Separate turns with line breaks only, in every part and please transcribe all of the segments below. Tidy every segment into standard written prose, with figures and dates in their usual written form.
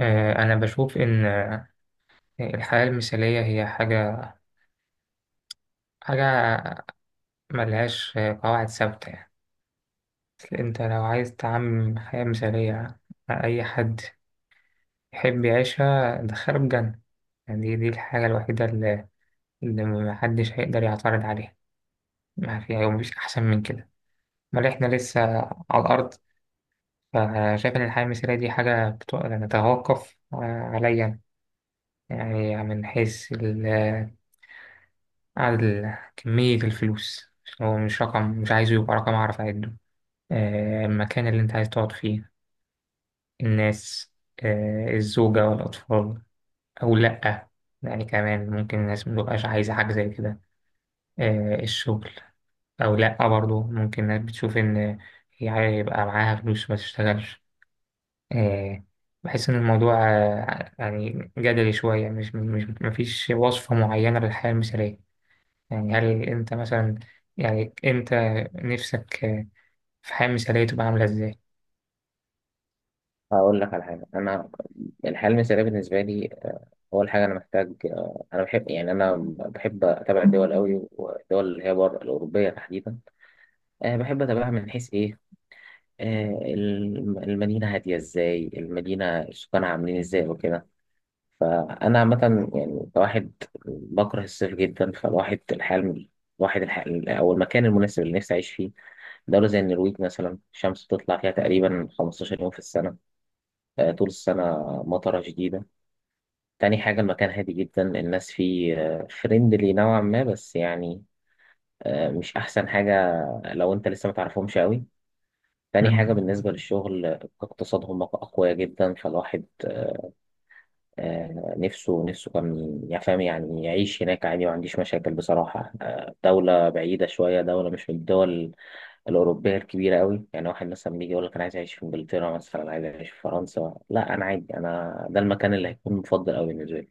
أنا بشوف إن الحياة المثالية هي حاجة ملهاش قواعد ثابتة يعني أصل أنت لو عايز تعمم حياة مثالية أي حد يحب يعيشها دخله الجنة. يعني دي الحاجة الوحيدة اللي محدش هيقدر يعترض عليها ما فيها، ومفيش أحسن من كده، بل إحنا لسه على الأرض. فشايف إن الحياة المثالية دي حاجة نتوقف عليا، يعني من حيث التفكير، عدد كمية الفلوس، هو مش رقم، مش عايزه يبقى رقم أعرف أعده، المكان اللي أنت عايز تقعد فيه، الناس، الزوجة والأطفال أو لأ. يعني كمان ممكن الناس متبقاش عايزة حاجة زي كده، الشغل أو لأ، برضه ممكن الناس بتشوف إن هي عايزة يبقى معاها فلوس ما تشتغلش. آه، بحس إن الموضوع يعني جدلي شوية، مش مش مفيش وصفة معينة للحياة المثالية. يعني هل أنت مثلا، يعني أنت نفسك في حياة مثالية تبقى عاملة إزاي؟
هقول لك على حاجة. أنا الحياة المثالية بالنسبة لي، أول حاجة أنا محتاج. أنا بحب، يعني أنا بحب أتابع الدول أوي، والدول اللي هي بره الأوروبية تحديدا. بحب أتابعها من حيث إيه. المدينة هادية إزاي، المدينة سكانها عاملين إزاي وكده. فأنا عامة، يعني كواحد بكره الصيف جدا، الواحد الحياة أو المكان المناسب اللي نفسي أعيش فيه دولة زي النرويج مثلا. الشمس بتطلع فيها تقريبا 15 يوم في السنة، طول السنة مطرة شديدة. تاني حاجة، المكان هادي جدا، الناس فيه فريندلي نوعا ما، بس يعني، مش أحسن حاجة لو أنت لسه متعرفهمش أوي. تاني حاجة
مم.
بالنسبة للشغل، اقتصادهم أقوياء جدا، فالواحد نفسه كان يفهم، يعني يعيش هناك عادي، ما عنديش مشاكل بصراحة. دولة بعيدة شوية، دولة مش من الدول الأوروبية الكبيرة أوي. يعني واحد مثلا بيجي يقول لك أنا عايز أعيش في إنجلترا مثلا، عايز أعيش في فرنسا. لا أنا عادي، أنا ده المكان اللي هيكون مفضل أوي بالنسبة لي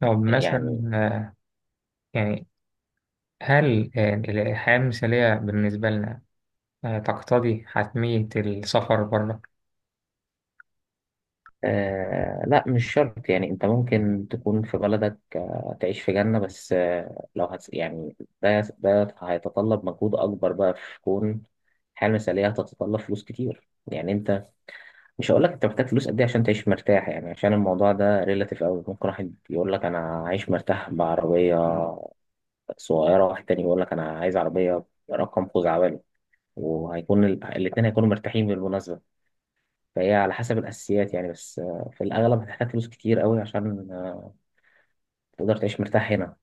طب
يعني.
مثلا يعني هل الحياة المثالية بالنسبة لنا تقتضي حتمية السفر بره؟
آه لا، مش شرط، يعني انت ممكن تكون في بلدك آه تعيش في جنة، بس آه لو هت يعني، ده هيتطلب مجهود اكبر بقى، في كون الحياة المثالية هتتطلب فلوس كتير. يعني انت، مش هقول لك انت محتاج فلوس قد ايه عشان تعيش مرتاح، يعني عشان الموضوع ده ريلاتيف قوي. ممكن واحد يقول لك انا عايش مرتاح بعربية صغيرة، واحد تاني يقول لك انا عايز عربية رقم خزعبلي، وهيكون الاتنين هيكونوا مرتاحين بالمناسبة. فهي على حسب الأساسيات يعني، بس في الأغلب هتحتاج فلوس كتير قوي عشان تقدر تعيش مرتاح هنا.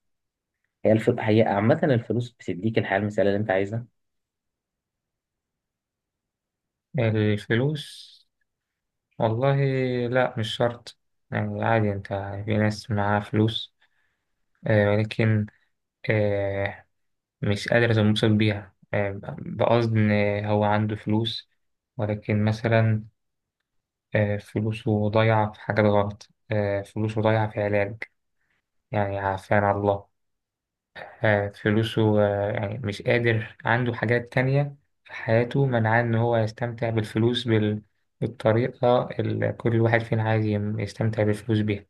هي عامة الفلوس بتديك الحياة المثالية اللي أنت عايزها.
الفلوس؟ والله لا، مش شرط. يعني عادي أنت في ناس معاها فلوس ولكن آه، مش قادرة تنبسط بيها. بقصد إن هو عنده فلوس ولكن مثلا فلوسه ضايعة في حاجات غلط، فلوسه ضايعة في علاج، يعني عافانا الله. فلوسه يعني مش قادر، عنده حاجات تانية في حياته منعاه إن هو يستمتع بالفلوس بالطريقة اللي كل واحد فينا عايز يستمتع بالفلوس بيها.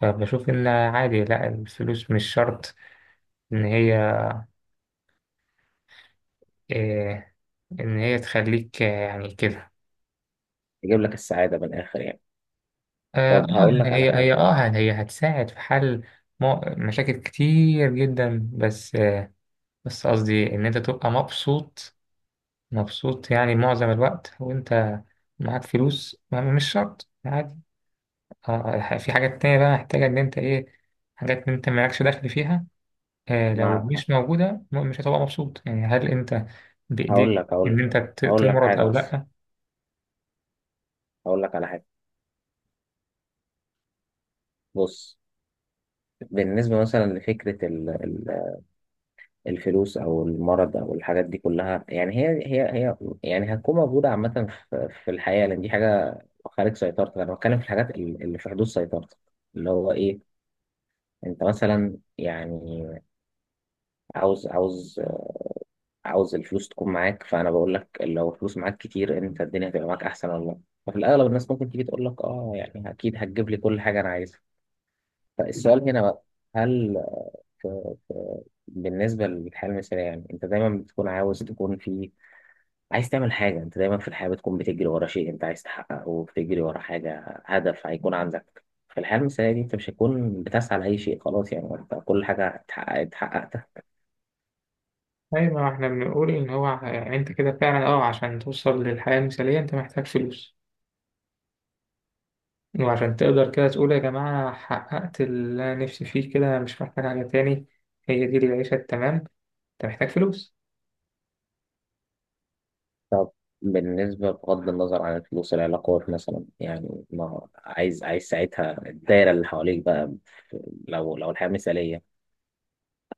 فبشوف إن عادي، لأ، الفلوس مش شرط إن هي آه، إن هي تخليك يعني كده.
تجيب لك السعادة من الآخر يعني.
آه آه،
طب هقول لك
يعني
على
هي
حاجة.
هي آه، هي هتساعد في حل مشاكل كتير جدا، بس بس قصدي إن أنت تبقى مبسوط، مبسوط يعني معظم الوقت، وأنت معاك فلوس مش شرط، عادي، في حاجات تانية بقى محتاجة إن أنت إيه، حاجات أنت مالكش دخل فيها، لو
مع.
مش موجودة مش هتبقى مبسوط. يعني هل أنت
هقول
بإيديك
لك هقول
إن
لك
أنت
هقول لك
تمرض
حاجة،
أو
بس
لأ؟
هقول لك على حاجة. بص، بالنسبة مثلا الفلوس أو المرض أو الحاجات دي كلها. يعني هي يعني هتكون موجودة عامة في الحياة، لأن دي حاجة خارج سيطرتك. أنا بتكلم في الحاجات اللي في حدود سيطرتك، اللي هو إيه، انت مثلا يعني عاوز عاوز عاوز الفلوس تكون معاك. فانا بقول لك لو الفلوس معاك كتير، انت الدنيا هتبقى معاك احسن والله. ففي الاغلب الناس ممكن تيجي تقول لك اه، يعني اكيد هتجيب لي كل حاجه انا عايزها. فالسؤال هنا بقى، هل بالنسبه للحياه المثاليه، يعني انت دايما بتكون عاوز تكون في، عايز تعمل حاجه. انت دايما في الحياه بتكون بتجري ورا شيء انت عايز تحققه، وبتجري ورا حاجه، هدف هيكون عندك. في الحياه المثاليه دي انت مش هتكون بتسعى لاي شيء، خلاص يعني انت كل حاجه اتحققت.
أيوة، ما إحنا بنقول إن أنت كده فعلا، أه، عشان توصل للحياة المثالية أنت محتاج فلوس، وعشان تقدر كده تقول يا جماعة أنا حققت اللي أنا نفسي فيه كده، أنا مش محتاج حاجة تاني، هي دي العيشة التمام، أنت محتاج فلوس.
طب، بالنسبة بغض النظر عن الفلوس، العلاقات مثلا، يعني ما عايز ساعتها الدايرة اللي حواليك بقى لو الحياة مثالية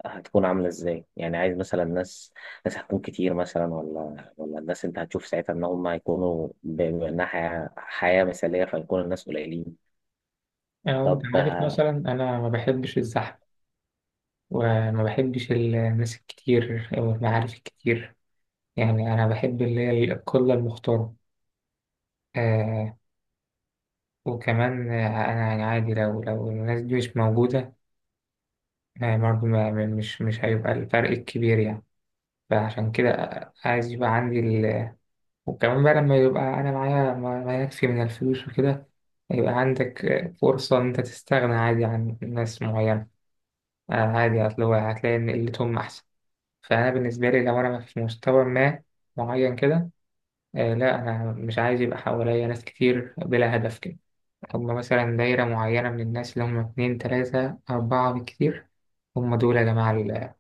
هتكون عاملة ازاي؟ يعني عايز مثلا ناس هتكون كتير مثلا، ولا الناس انت هتشوف ساعتها ان هم هيكونوا بأنها حياة مثالية، فيكون الناس قليلين.
أو أنت
طب.
عارف، مثلا أنا ما بحبش الزحمة وما بحبش الناس الكتير أو المعارف الكتير، يعني أنا بحب اللي هي القلة المختارة. آه، وكمان آه، أنا يعني عادي لو الناس دي مش موجودة آه برضه مش هيبقى الفرق الكبير يعني. فعشان كده عايز يبقى عندي، وكمان بقى لما يبقى أنا معايا ما يكفي من الفلوس وكده، يبقى عندك فرصة إن أنت تستغنى عادي عن ناس معينة. عادي، أصل هو هتلاقي إن قلتهم أحسن. فأنا بالنسبة لي لو أنا في مستوى ما معين كده، لا أنا مش عايز يبقى حواليا ناس كتير بلا هدف كده. هما مثلا دايرة معينة من الناس اللي هما اتنين تلاتة أربعة بالكتير، هم دول يا جماعة ال-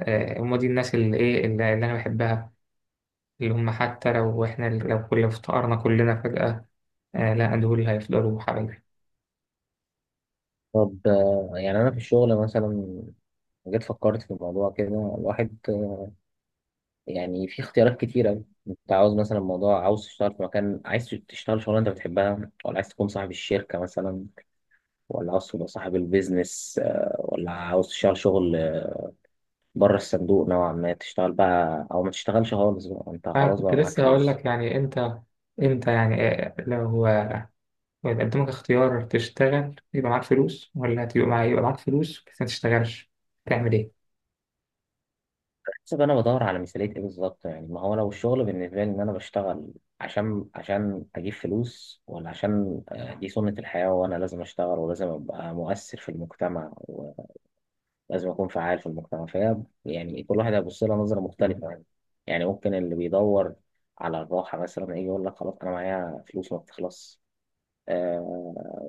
آه، هم دي الناس اللي إيه اللي أنا بحبها، اللي هم حتى لو إحنا لو كل افتقرنا كلنا فجأة، آه لا، دول هيفضلوا حبايبي.
طب يعني انا في الشغل مثلا، جيت فكرت في الموضوع كده. الواحد يعني في اختيارات كتيرة، انت عاوز مثلا موضوع، عاوز تشتغل في مكان، عايز تشتغل شغلانة انت بتحبها، ولا عايز تكون صاحب الشركة مثلا، ولا عاوز تبقى صاحب البيزنس، ولا عاوز تشتغل شغل بره الصندوق نوعا ما، تشتغل بقى او ما تشتغلش خالص بقى انت خلاص
فكنت
بقى معاك
لسه هقول
فلوس.
لك يعني انت يعني لو لو قدامك اختيار تشتغل يبقى معاك فلوس، ولا تبقى معاك يبقى معاك فلوس بس ما تشتغلش، تعمل ايه؟
حسب، انا بدور على مثالية ايه بالظبط. يعني ما هو لو الشغل بالنسبة لي ان انا بشتغل عشان اجيب فلوس، ولا عشان دي سنة الحياة وانا لازم اشتغل ولازم ابقى مؤثر في المجتمع، لازم أكون فعال في المجتمع. فهي يعني كل واحد هيبص لها نظرة مختلفة يعني. يعني ممكن اللي بيدور على الراحة مثلا يجي يقول لك خلاص أنا معايا فلوس ما بتخلص، آه،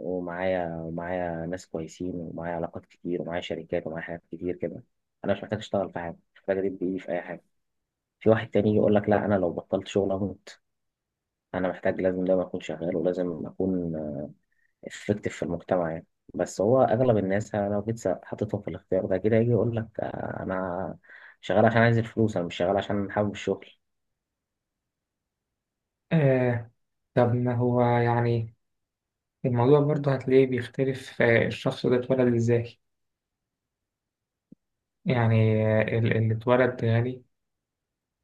ومعايا ناس كويسين، ومعايا علاقات كتير، ومعايا شركات، ومعايا حاجات كتير كده. أنا مش محتاج أشتغل في حاجة، مش محتاج أدب إيدي في أي حاجة. في واحد تاني يقول لك لا أنا لو بطلت شغل أموت، أنا محتاج لازم دايما أكون شغال، ولازم أكون افكتيف في المجتمع يعني. بس هو اغلب الناس يعني، أنا لو جيت حطيتهم في الاختيار ده كده، يجي يقول لك انا شغال عشان عايز الفلوس، انا مش شغال عشان حابب الشغل.
آه. طب ما هو يعني الموضوع برضه هتلاقيه بيختلف، آه، الشخص ده اتولد ازاي. يعني آه، اللي اتولد غني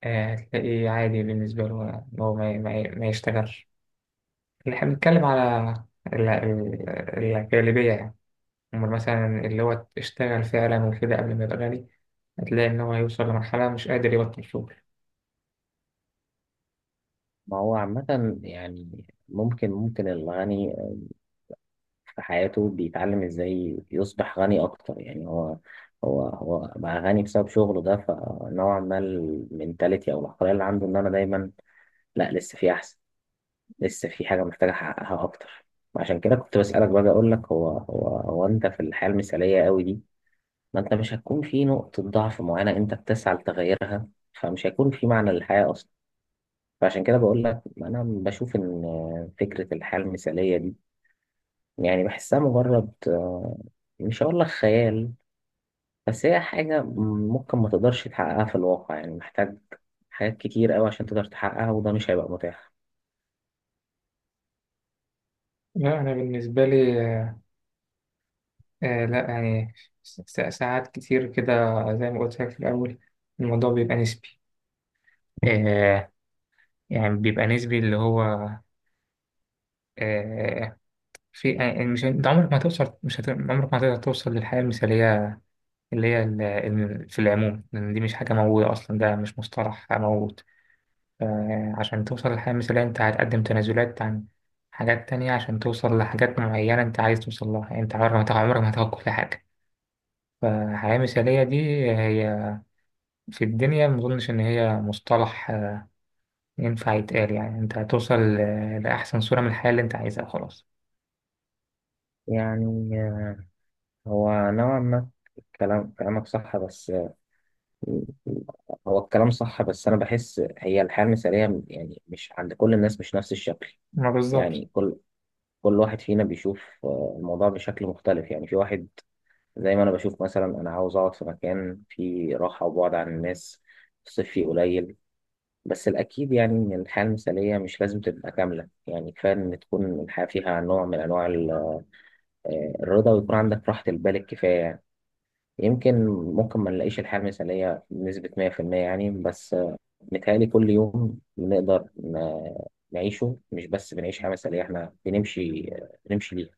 آه هتلاقيه عادي بالنسبة له ان هو ما يشتغلش. اللي احنا بنتكلم على ال- ال- الغالبية يعني. أمال مثلا اللي هو اشتغل فعلا وكده قبل ما يبقى غني، هتلاقي إن هو هيوصل لمرحلة مش قادر يبطل شغل.
ما هو عامة يعني ممكن الغني في حياته بيتعلم ازاي يصبح غني اكتر. يعني هو بقى غني بسبب شغله ده، فنوعا ما المنتاليتي او العقلية اللي عنده ان انا دايما لا، لسه في احسن، لسه في حاجة محتاج احققها اكتر. عشان كده كنت بسألك بقى، اقول لك هو انت في الحياة المثالية قوي دي، ما انت مش هتكون في نقطة ضعف معينة انت بتسعى لتغيرها، فمش هيكون في معنى للحياة اصلا. فعشان كده بقول لك انا بشوف ان فكرة الحياة المثالية دي، يعني بحسها مجرد مش هقول لك خيال، بس هي حاجة ممكن ما تقدرش تحققها في الواقع. يعني محتاج حاجات كتير قوي عشان تقدر تحققها، وده مش هيبقى متاح.
لا أنا بالنسبة لي آه، لا، يعني ساعات كتير كده، زي ما قلت لك في الأول، الموضوع بيبقى نسبي. آه يعني بيبقى نسبي، اللي هو آه في، يعني مش أنت عمرك ما هتوصل مش هت... عمرك ما هتقدر توصل للحياة المثالية، اللي هي في العموم، لأن دي مش حاجة موجودة أصلا، ده مش مصطلح موجود. عشان توصل للحياة المثالية أنت هتقدم تنازلات عن حاجات تانية عشان توصل لحاجات معينة أنت عايز توصل لها. يعني أنت عمرك ما هتاخد كل حاجة. فالحياة المثالية دي هي في الدنيا مظنش إن هي مصطلح ينفع يتقال، يعني أنت هتوصل لأحسن صورة من الحياة اللي أنت عايزها، خلاص.
يعني آه، هو نوعا ما كلامك صح، بس هو الكلام صح. بس أنا بحس هي الحياة المثالية يعني مش عند كل الناس مش نفس الشكل.
ما بالظبط.
يعني كل واحد فينا بيشوف الموضوع بشكل مختلف. يعني في واحد زي ما أنا بشوف مثلا، أنا عاوز أقعد في مكان فيه راحة، وبعد عن الناس، الصيف فيه قليل. بس الأكيد يعني إن الحياة المثالية مش لازم تبقى كاملة، يعني كفاية إن تكون الحياة فيها نوع من أنواع الرضا، ويكون عندك راحة البال الكفاية يعني. يمكن ممكن ما نلاقيش الحياة المثالية بنسبة 100% يعني، بس متهيألي كل يوم بنقدر نعيشه. مش بس بنعيش حياة مثالية، احنا بنمشي